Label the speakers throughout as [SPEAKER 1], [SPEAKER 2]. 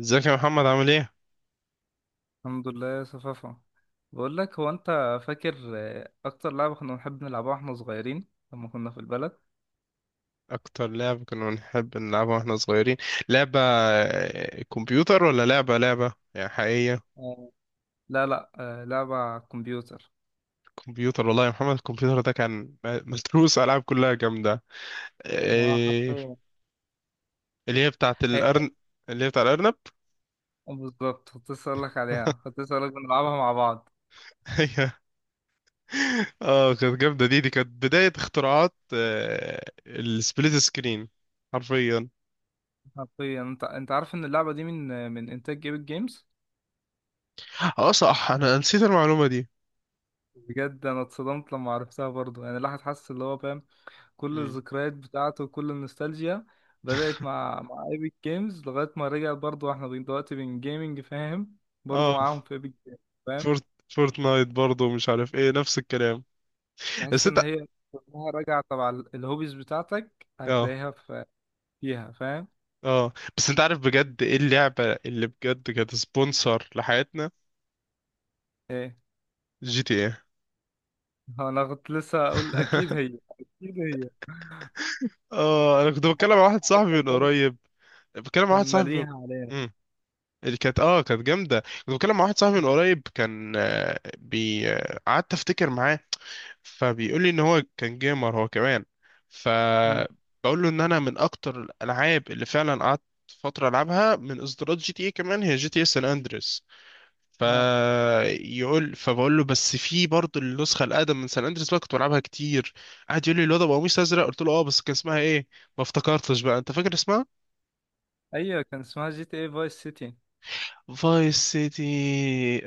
[SPEAKER 1] ازيك يا محمد عامل ايه؟
[SPEAKER 2] الحمد لله يا صفافة. بقول لك، هو انت فاكر اكتر لعبة كنا بنحب نلعبها واحنا صغيرين لما كنا في البلد؟
[SPEAKER 1] أكتر لعبة كنا بنحب نلعبها واحنا صغيرين لعبة كمبيوتر ولا لعبة يعني حقيقية.
[SPEAKER 2] آه، لا لا آه، لعبة على الكمبيوتر.
[SPEAKER 1] كمبيوتر والله يا محمد الكمبيوتر ده كان متروس ألعاب كلها جامدة.
[SPEAKER 2] ما
[SPEAKER 1] إيه
[SPEAKER 2] حرفيا
[SPEAKER 1] اللي هي بتاعة
[SPEAKER 2] هي.
[SPEAKER 1] الأرن، اللي هي بتاع الأرنب.
[SPEAKER 2] بالظبط، كنت لسه اقول لك عليها، كنت لسه اقول لك بنلعبها مع بعض.
[SPEAKER 1] هي اه كانت جامدة، دي كانت بداية اختراعات السبليت سكرين. حرفيا.
[SPEAKER 2] حرفيا انت عارف ان اللعبة دي من من انتاج جيبت جيمز؟
[SPEAKER 1] اه صح أنا نسيت المعلومة دي.
[SPEAKER 2] بجد انا اتصدمت لما عرفتها برضو. يعني الواحد حاسس اللي هو فاهم، كل
[SPEAKER 1] مم.
[SPEAKER 2] الذكريات بتاعته وكل النوستالجيا بدأت مع ايبك جيمز. لغاية ما رجع برضو احنا دلوقتي بين جيمنج، فاهم؟ برضو
[SPEAKER 1] اه
[SPEAKER 2] معاهم في ايبك جيمز، فاهم؟
[SPEAKER 1] فورت فورتنايت برضه مش عارف ايه، نفس الكلام. بس
[SPEAKER 2] تحس
[SPEAKER 1] انت،
[SPEAKER 2] ان هي كلها راجعة تبع الهوبيز بتاعتك،
[SPEAKER 1] اه.
[SPEAKER 2] هتلاقيها في فيها، فاهم؟
[SPEAKER 1] اه بس انت عارف بجد ايه اللعبة اللي بجد كانت سبونسر لحياتنا؟
[SPEAKER 2] ايه،
[SPEAKER 1] جي تي ايه.
[SPEAKER 2] هو انا كنت لسه اقول اكيد هي، اكيد هي.
[SPEAKER 1] اه انا كنت بتكلم مع واحد صاحبي
[SPEAKER 2] حتى
[SPEAKER 1] من
[SPEAKER 2] الثالث
[SPEAKER 1] قريب، بتكلم مع
[SPEAKER 2] كان
[SPEAKER 1] واحد صاحبي من...
[SPEAKER 2] مليها علينا.
[SPEAKER 1] مم. اللي كانت اه كانت جامده. كنت بتكلم مع واحد صاحبي من قريب كان بي قعدت افتكر معاه، فبيقول لي ان هو كان جيمر هو كمان. ف
[SPEAKER 2] مم.
[SPEAKER 1] بقول له ان انا من اكتر الالعاب اللي فعلا قعدت فتره العبها من اصدارات جي تي اي كمان هي جي تي اي سان اندريس.
[SPEAKER 2] اه
[SPEAKER 1] فيقول، فبقول له بس في برضه النسخه الاقدم من سان اندريس بقى كنت بلعبها كتير. قعد يقول لي الواد ابو قميص ازرق، قلت له اه بس كان اسمها ايه؟ ما افتكرتش بقى، انت فاكر اسمها؟
[SPEAKER 2] ايوه، كان اسمها جي تي اي فايس سيتي.
[SPEAKER 1] فايس سيتي،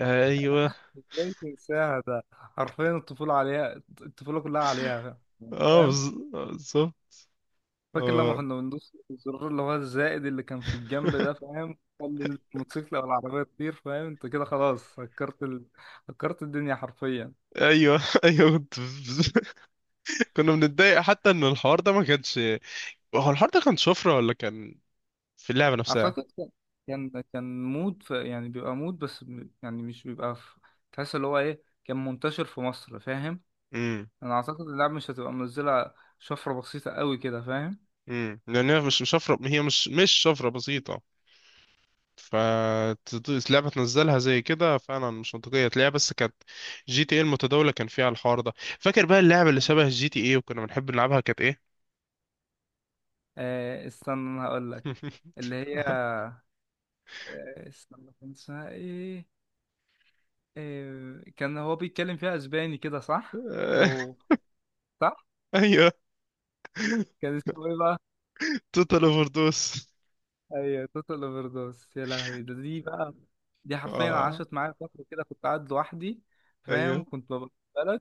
[SPEAKER 1] ايوه.
[SPEAKER 2] ازاي تنساها؟ ده حرفيا الطفولة عليها، الطفولة كلها عليها،
[SPEAKER 1] اه
[SPEAKER 2] فاهم؟
[SPEAKER 1] بالظبط.
[SPEAKER 2] فاكر لما
[SPEAKER 1] اه.
[SPEAKER 2] كنا بندوس الزرار اللي هو الزائد اللي كان في الجنب ده، فاهم؟ خلي الموتوسيكل او العربيه تطير، فاهم؟ انت كده خلاص هكرت هكرت الدنيا حرفيا.
[SPEAKER 1] ايوه ايوه كنت كنا بنتضايق حتى ان الحوار ده ما كانش، هو الحوار ده كان شفره ولا كان في اللعبه نفسها؟
[SPEAKER 2] اعتقد كان كان مود يعني بيبقى مود بس يعني مش بيبقى في... تحس اللي هو ايه، كان منتشر في مصر، فاهم؟
[SPEAKER 1] امم.
[SPEAKER 2] انا اعتقد اللعبه مش هتبقى منزله شفره بسيطه قوي كده، فاهم؟
[SPEAKER 1] امم، لان هي مش شفره، هي مش شفره بسيطه. فلعبة تنزلها زي كده فعلا مش منطقية تلاقيها، بس كانت جي تي ايه المتداولة كان فيها الحوار ده. فاكر بقى اللعبة اللي شبه جي تي ايه وكنا بنحب نلعبها كانت ايه؟
[SPEAKER 2] استنى انا هقول لك. اللي هي استنى، كان اسمها ايه؟ إيه، كان هو بيتكلم فيها اسباني كده، صح؟ او صح.
[SPEAKER 1] ايوه
[SPEAKER 2] كان اسمه ايه بقى؟
[SPEAKER 1] توتال اوفر دوس.
[SPEAKER 2] ايوه، توتال اوفر دوس. يا لهوي، ده دي بقى، دي حرفيا
[SPEAKER 1] اه
[SPEAKER 2] عاشت معايا فتره كده، كنت قاعد لوحدي، فاهم؟
[SPEAKER 1] ايوه.
[SPEAKER 2] كنت ببقى في بلد.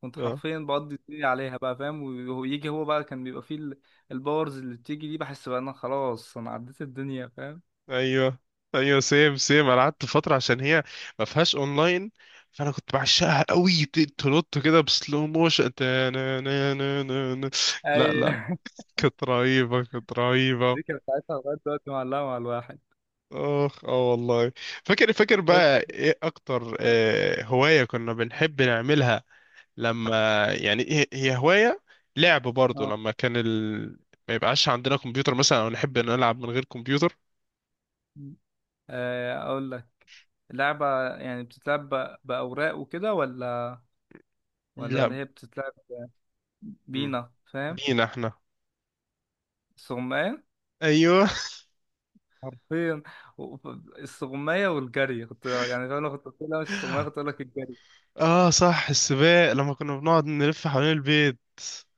[SPEAKER 2] كنت
[SPEAKER 1] اه.
[SPEAKER 2] حرفيا بقضي الدنيا عليها بقى، فاهم؟ ويجي هو بقى، كان بيبقى فيه الباورز اللي بتيجي دي، بحس بقى انا خلاص، انا عديت الدنيا، فاهم؟
[SPEAKER 1] ايوه ايوه سيم سيم، انا قعدت فترة عشان هي ما فيهاش اونلاين. فانا كنت بعشقها قوي، تنط كده بسلو موشن، تا- نا- نا- نا- نا- نا. لا لا،
[SPEAKER 2] ايوه.
[SPEAKER 1] كانت رهيبة، كانت رهيبة.
[SPEAKER 2] دي كانت ساعتها لغايه دلوقتي معلقه مع الواحد.
[SPEAKER 1] اخ اه والله. فاكر، فاكر بقى
[SPEAKER 2] فاكر.
[SPEAKER 1] ايه اكتر
[SPEAKER 2] اه.
[SPEAKER 1] هواية كنا بنحب نعملها لما، يعني هي هواية لعب برضه،
[SPEAKER 2] اه.
[SPEAKER 1] لما كان ما يبقاش عندنا كمبيوتر مثلا، او نحب نلعب من غير كمبيوتر؟
[SPEAKER 2] اقول لك، اللعبة يعني بتتلعب بأوراق وكده، ولا ولا اللي
[SPEAKER 1] لا.
[SPEAKER 2] هي بتتلعب
[SPEAKER 1] مم.
[SPEAKER 2] بينا، فاهم؟
[SPEAKER 1] بينا احنا.
[SPEAKER 2] السغماية،
[SPEAKER 1] ايوه.
[SPEAKER 2] حرفيا. و- السغماية والجري. كنت يعني فاهم، لو كنت قلت لها مش السغماية كنت أقول لك الجري.
[SPEAKER 1] اه صح، السباق لما كنا بنقعد نلف حوالين البيت.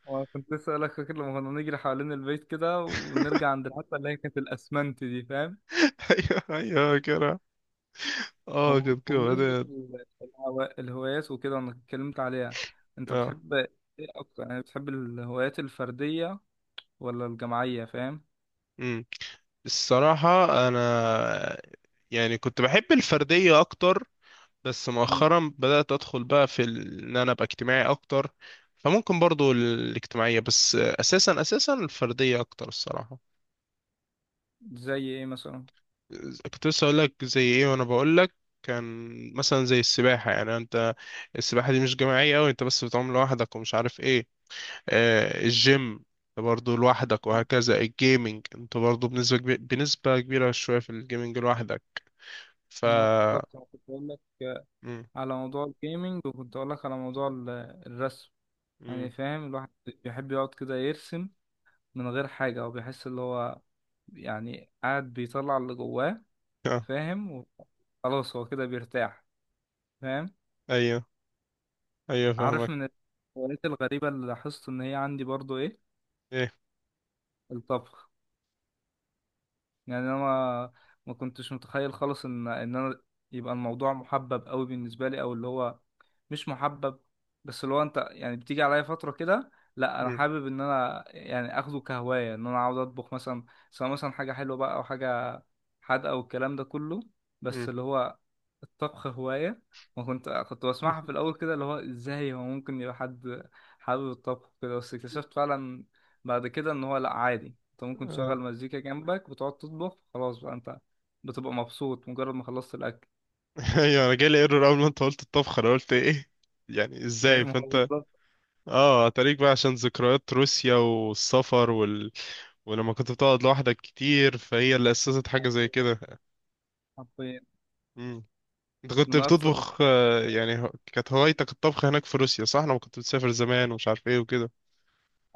[SPEAKER 2] وأنا كنت لسه أقول لك، فاكر لما كنا نجري حوالين البيت كده، ونرجع عند الحتة اللي هي كانت الأسمنت دي، فاهم؟
[SPEAKER 1] ايوه ايوه كده. اه
[SPEAKER 2] وب-
[SPEAKER 1] كده كده
[SPEAKER 2] وبمناسبة الهوايات وكده، وأنا اتكلمت عليها، أنت
[SPEAKER 1] اه.
[SPEAKER 2] بتحب إيه أكتر؟ يعني بتحب الهوايات الفردية ولا الجماعية، فاهم؟
[SPEAKER 1] امم. الصراحة، انا يعني كنت بحب الفردية اكتر، بس
[SPEAKER 2] مم.
[SPEAKER 1] مؤخرا بدأت أدخل بقى في إن أنا أبقى اجتماعي أكتر. فممكن برضو الاجتماعية، بس أساسا أساسا الفردية أكتر الصراحة.
[SPEAKER 2] زي إيه مثلا؟
[SPEAKER 1] كنت لسه أقول لك زي إيه وأنا بقول لك، كان مثلا زي السباحة. يعني أنت السباحة دي مش جماعية أوي، أنت بس بتعوم لوحدك ومش عارف إيه. آه الجيم، أنت برضو لوحدك، وهكذا الجيمنج أنت برضو بنسبة كبيرة، بنسبة كبيرة شوية في الجيمنج لوحدك. ف
[SPEAKER 2] اه بالظبط، انا كنت بقول لك
[SPEAKER 1] مم.
[SPEAKER 2] على موضوع الجيمنج، وكنت اقول لك على موضوع الرسم.
[SPEAKER 1] مم.
[SPEAKER 2] يعني فاهم، الواحد بيحب يقعد كده يرسم من غير حاجة، وبيحس اللي هو يعني قاعد بيطلع اللي جواه،
[SPEAKER 1] آه.
[SPEAKER 2] فاهم؟ وخلاص هو كده بيرتاح، فاهم؟
[SPEAKER 1] أيوه أيوه
[SPEAKER 2] عارف
[SPEAKER 1] فاهمك.
[SPEAKER 2] من الهوايات الغريبة اللي لاحظت ان هي عندي برضو ايه؟
[SPEAKER 1] إيه.
[SPEAKER 2] الطبخ. يعني انا ما ما كنتش متخيل خالص ان انا يبقى الموضوع محبب قوي بالنسبه لي، او اللي هو مش محبب. بس اللي هو انت يعني بتيجي عليا فتره كده، لا انا
[SPEAKER 1] مم.
[SPEAKER 2] حابب ان انا يعني اخده كهوايه، ان انا عاوز اطبخ مثلا. سواء مثلا حاجه حلوه بقى، او حاجه حادقه، والكلام ده كله. بس
[SPEAKER 1] مم.
[SPEAKER 2] اللي هو الطبخ هواية. وكنت
[SPEAKER 1] آه.
[SPEAKER 2] بسمعها في الأول كده، اللي هو إزاي هو ممكن يبقى حد حابب الطبخ كده. بس اكتشفت فعلا بعد كده إن هو لأ، عادي، أنت ممكن تشغل مزيكا جنبك وتقعد تطبخ. خلاص بقى أنت بتبقى مبسوط مجرد ما خلصت الأكل.
[SPEAKER 1] ايوه انا جالي ايرور اول ما انت قلت الطبخه، انا قلت ايه يعني،
[SPEAKER 2] إيه،
[SPEAKER 1] ازاي؟
[SPEAKER 2] ما هو
[SPEAKER 1] فانت
[SPEAKER 2] بالظبط.
[SPEAKER 1] اه هتاريك بقى عشان ذكريات روسيا والسفر ولما كنت بتقعد لوحدك كتير، فهي اللي اسست حاجه زي
[SPEAKER 2] حرفيا
[SPEAKER 1] كده.
[SPEAKER 2] حرفياً.
[SPEAKER 1] مم. انت كنت
[SPEAKER 2] من أكثر
[SPEAKER 1] بتطبخ
[SPEAKER 2] الحاجات.
[SPEAKER 1] يعني كانت هوايتك الطبخ هناك في روسيا صح؟ لما كنت بتسافر زمان ومش عارف ايه وكده.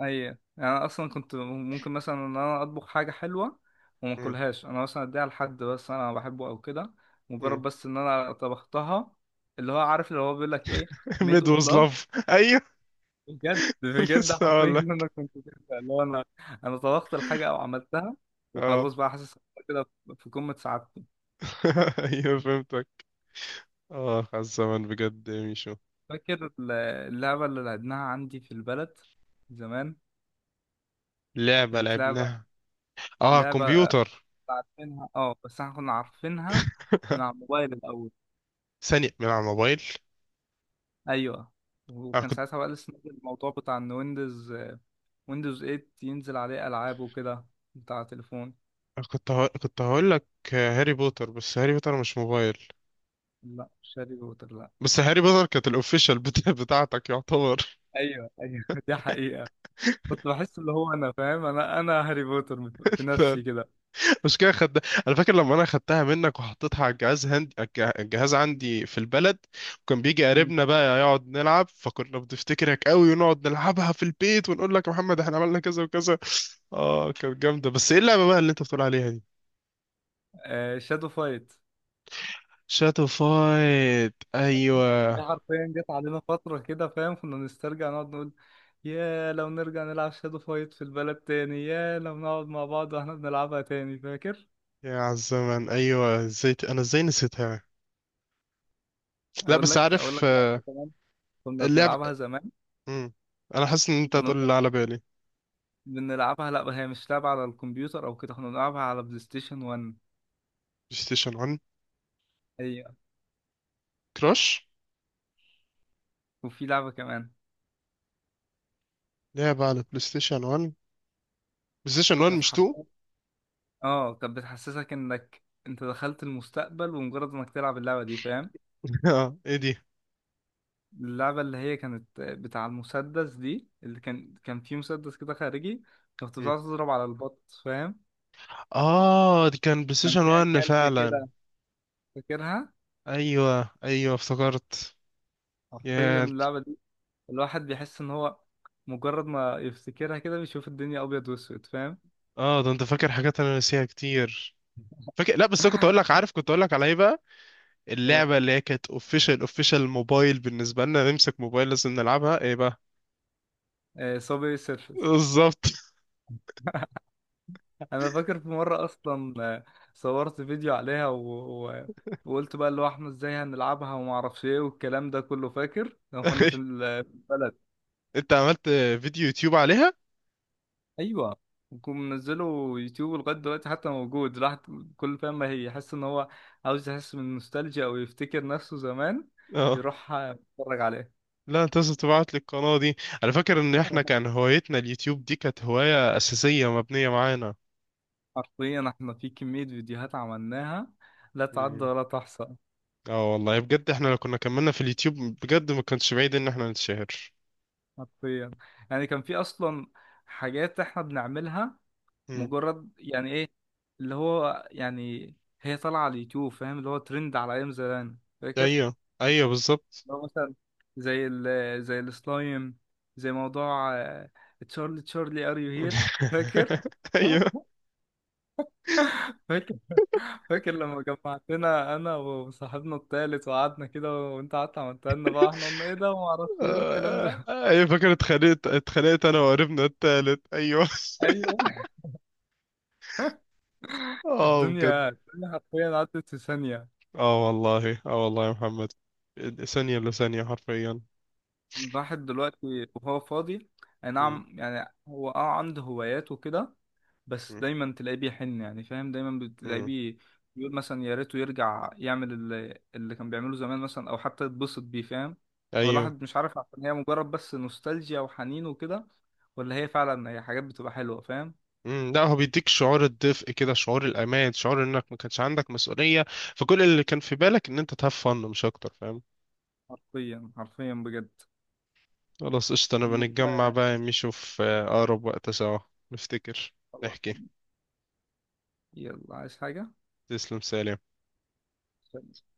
[SPEAKER 2] اي، انا اصلا كنت ممكن مثلا ان انا اطبخ حاجه حلوه وما
[SPEAKER 1] مم.
[SPEAKER 2] اكلهاش، انا مثلا اديها لحد بس انا بحبه او كده، مجرد
[SPEAKER 1] مم.
[SPEAKER 2] بس ان انا طبختها. اللي هو عارف اللي هو بيقول لك ايه، ميد
[SPEAKER 1] ميد
[SPEAKER 2] اوف
[SPEAKER 1] واز
[SPEAKER 2] لاف.
[SPEAKER 1] لاف، ايوه.
[SPEAKER 2] بجد بجد
[SPEAKER 1] لسه
[SPEAKER 2] حرفيا
[SPEAKER 1] هقول
[SPEAKER 2] إن
[SPEAKER 1] لك.
[SPEAKER 2] انا كنت كده، اللي هو انا، انا طبخت الحاجه او عملتها،
[SPEAKER 1] اه.
[SPEAKER 2] وخلاص بقى حاسس إن أنا كده في قمه سعادتي.
[SPEAKER 1] ايوه فهمتك. اه على الزمن بجد يا ميشو.
[SPEAKER 2] فاكر اللعبه اللي لعبناها عندي في البلد زمان؟
[SPEAKER 1] لعبه
[SPEAKER 2] كانت لعبه،
[SPEAKER 1] لعبناها، اه
[SPEAKER 2] لعبه
[SPEAKER 1] كمبيوتر.
[SPEAKER 2] عارفينها، اه بس احنا كنا عارفينها من على الموبايل الاول.
[SPEAKER 1] ثانية من على الموبايل.
[SPEAKER 2] ايوه،
[SPEAKER 1] أنا
[SPEAKER 2] وكان
[SPEAKER 1] كنت،
[SPEAKER 2] ساعتها بقى لسه نازل الموضوع بتاع ان ويندوز 8 ينزل عليه العاب وكده، بتاع تليفون.
[SPEAKER 1] كنت هقول لك هاري بوتر، بس هاري بوتر مش موبايل.
[SPEAKER 2] لا مش هاري بوتر، لا.
[SPEAKER 1] بس هاري بوتر كانت الاوفيشال بتاع بتاعتك يعتبر.
[SPEAKER 2] ايوه ايوه دي حقيقة، كنت بحس اللي هو انا فاهم، انا هاري بوتر في نفسي كده.
[SPEAKER 1] مش كده خد. انا فاكر لما انا خدتها منك وحطيتها على الجهاز، هندي الجهاز عندي في البلد. وكان بيجي
[SPEAKER 2] مم.
[SPEAKER 1] قريبنا بقى يقعد نلعب، فكنا بنفتكرك قوي ونقعد نلعبها في البيت ونقول لك يا محمد احنا عملنا كذا وكذا. اه كانت جامدة، بس ايه اللعبة بقى اللي انت بتقول عليها دي؟
[SPEAKER 2] آه شادو فايت.
[SPEAKER 1] شاتو فايت، ايوه.
[SPEAKER 2] دي حرفيا جت علينا فترة كده، فاهم؟ كنا نسترجع، نقعد نقول يا لو نرجع نلعب شادو فايت في البلد تاني، يا لو نقعد مع بعض واحنا بنلعبها تاني، فاكر؟
[SPEAKER 1] يا عالزمن، ايوه، ازاي انا ازاي نسيتها؟ لا
[SPEAKER 2] اقول
[SPEAKER 1] بس
[SPEAKER 2] لك، اقول
[SPEAKER 1] عارف،
[SPEAKER 2] لك لعبة كمان كنا
[SPEAKER 1] اللعب.
[SPEAKER 2] بنلعبها زمان.
[SPEAKER 1] مم. انا حاسس ان انت
[SPEAKER 2] كنا
[SPEAKER 1] هتقول اللي على بالي، بلاي
[SPEAKER 2] بنلعبها، لا هي مش لعبة على الكمبيوتر او كده، احنا بنلعبها على بلاي ستيشن 1.
[SPEAKER 1] ستيشن 1.
[SPEAKER 2] هي.
[SPEAKER 1] كراش،
[SPEAKER 2] وفي لعبة كمان
[SPEAKER 1] لعبة على بلاي ستيشن 1، بلاي ستيشن 1
[SPEAKER 2] كانت
[SPEAKER 1] مش 2.
[SPEAKER 2] حرفيا، اه، كانت بتحسسك انك انت دخلت المستقبل ومجرد انك تلعب اللعبة دي، فاهم؟
[SPEAKER 1] اه ايه دي؟
[SPEAKER 2] اللعبة اللي هي كانت بتاع المسدس دي، اللي كان فيه مسدس كده خارجي، كنت
[SPEAKER 1] مم.
[SPEAKER 2] بتقعد تضرب على البط، فاهم؟
[SPEAKER 1] اه دي كان بلاي
[SPEAKER 2] كان
[SPEAKER 1] ستيشن
[SPEAKER 2] فيها
[SPEAKER 1] 1
[SPEAKER 2] كلب
[SPEAKER 1] فعلا.
[SPEAKER 2] كده، فاكرها؟
[SPEAKER 1] ايوه ايوه افتكرت.
[SPEAKER 2] حرفيا
[SPEAKER 1] يا،
[SPEAKER 2] اللعبة دي الواحد بيحس ان هو مجرد ما يفتكرها كده بيشوف الدنيا ابيض واسود، فاهم؟
[SPEAKER 1] اه ده انت فاكر حاجات انا ناسيها كتير. فاكر، لا بس أنا كنت اقول لك، عارف كنت اقول لك على ايه بقى؟ اللعبه اللي هي كانت اوفيشال اوفيشال موبايل، بالنسبه لنا نمسك موبايل لازم نلعبها، ايه بقى؟
[SPEAKER 2] ايه، صابي سيرفس.
[SPEAKER 1] بالظبط.
[SPEAKER 2] انا فاكر في مره اصلا صورت فيديو عليها، و... وقلت بقى اللي هو احنا ازاي هنلعبها وما اعرفش ايه والكلام ده كله، فاكر لما كنا في في البلد؟
[SPEAKER 1] انت عملت فيديو يوتيوب عليها؟
[SPEAKER 2] ايوه، وكنت منزله يوتيوب لغايه دلوقتي حتى، موجود. الواحد كل فاهم، ما هي يحس ان هو عاوز يحس من النوستالجيا او يفتكر نفسه زمان،
[SPEAKER 1] اه.
[SPEAKER 2] يروح يتفرج عليه.
[SPEAKER 1] لا انت لازم تبعت لي القناة دي. انا فاكر ان احنا كان هوايتنا اليوتيوب دي، كانت هواية اساسية مبنية معانا.
[SPEAKER 2] حرفيا احنا في كميه فيديوهات عملناها لا تعد
[SPEAKER 1] مم.
[SPEAKER 2] ولا تحصى.
[SPEAKER 1] اه والله بجد احنا لو كنا كملنا في اليوتيوب بجد ما كانش بعيد ان احنا نتشهر.
[SPEAKER 2] حرفيا، يعني كان في اصلا حاجات احنا بنعملها
[SPEAKER 1] مم.
[SPEAKER 2] مجرد يعني ايه، اللي هو يعني هي طالعه على اليوتيوب، فاهم؟ اللي هو ترند على ايام زمان، فاكر؟
[SPEAKER 1] ايوه ايوه بالظبط.
[SPEAKER 2] اللي هو مثلا زي زي السلايم، زي موضوع تشارلي تشارلي ار يو هير. فاكر؟
[SPEAKER 1] ايوه.
[SPEAKER 2] فاكر، فاكر لما جمعتنا انا وصاحبنا التالت، وقعدنا كده وانت قعدت عملتها لنا بقى، احنا قلنا ايه ده وما اعرفش ايه والكلام
[SPEAKER 1] آه،
[SPEAKER 2] ده.
[SPEAKER 1] ايوه فاكر، اتخانقت انا وقريبنا التالت، ايوه.
[SPEAKER 2] ايوه،
[SPEAKER 1] اه بجد.
[SPEAKER 2] الدنيا، الدنيا حرفيا عدت في ثانيه.
[SPEAKER 1] اه والله، اه والله يا محمد، ثانية لثانية حرفيا.
[SPEAKER 2] الواحد دلوقتي وهو فاضي، اي نعم يعني هو اه عنده هوايات وكده، بس
[SPEAKER 1] مم.
[SPEAKER 2] دايما تلاقيه بيحن، يعني فاهم، دايما بتلاقيه
[SPEAKER 1] مم.
[SPEAKER 2] بيقول مثلا يا ريته يرجع يعمل اللي كان بيعمله زمان مثلا، او حتى يتبسط بيه، فاهم؟ هو
[SPEAKER 1] ايوه.
[SPEAKER 2] الواحد مش عارف عشان هي مجرد بس نوستالجيا وحنين وكده، ولا هي فعلا هي حاجات بتبقى حلوة، فاهم؟
[SPEAKER 1] مم. لا هو بيديك شعور الدفء كده، شعور الامان، شعور انك ما كانش عندك مسؤوليه. فكل اللي كان في بالك ان انت تهاف فن مش اكتر، فاهم.
[SPEAKER 2] حرفيا حرفيا بجد.
[SPEAKER 1] خلاص قشطه، نبقى
[SPEAKER 2] المهم،
[SPEAKER 1] نتجمع بقى يا ميشو في اقرب وقت سوا. نفتكر،
[SPEAKER 2] خلاص،
[SPEAKER 1] نحكي.
[SPEAKER 2] يلا، عايز حاجة؟
[SPEAKER 1] تسلم سالم.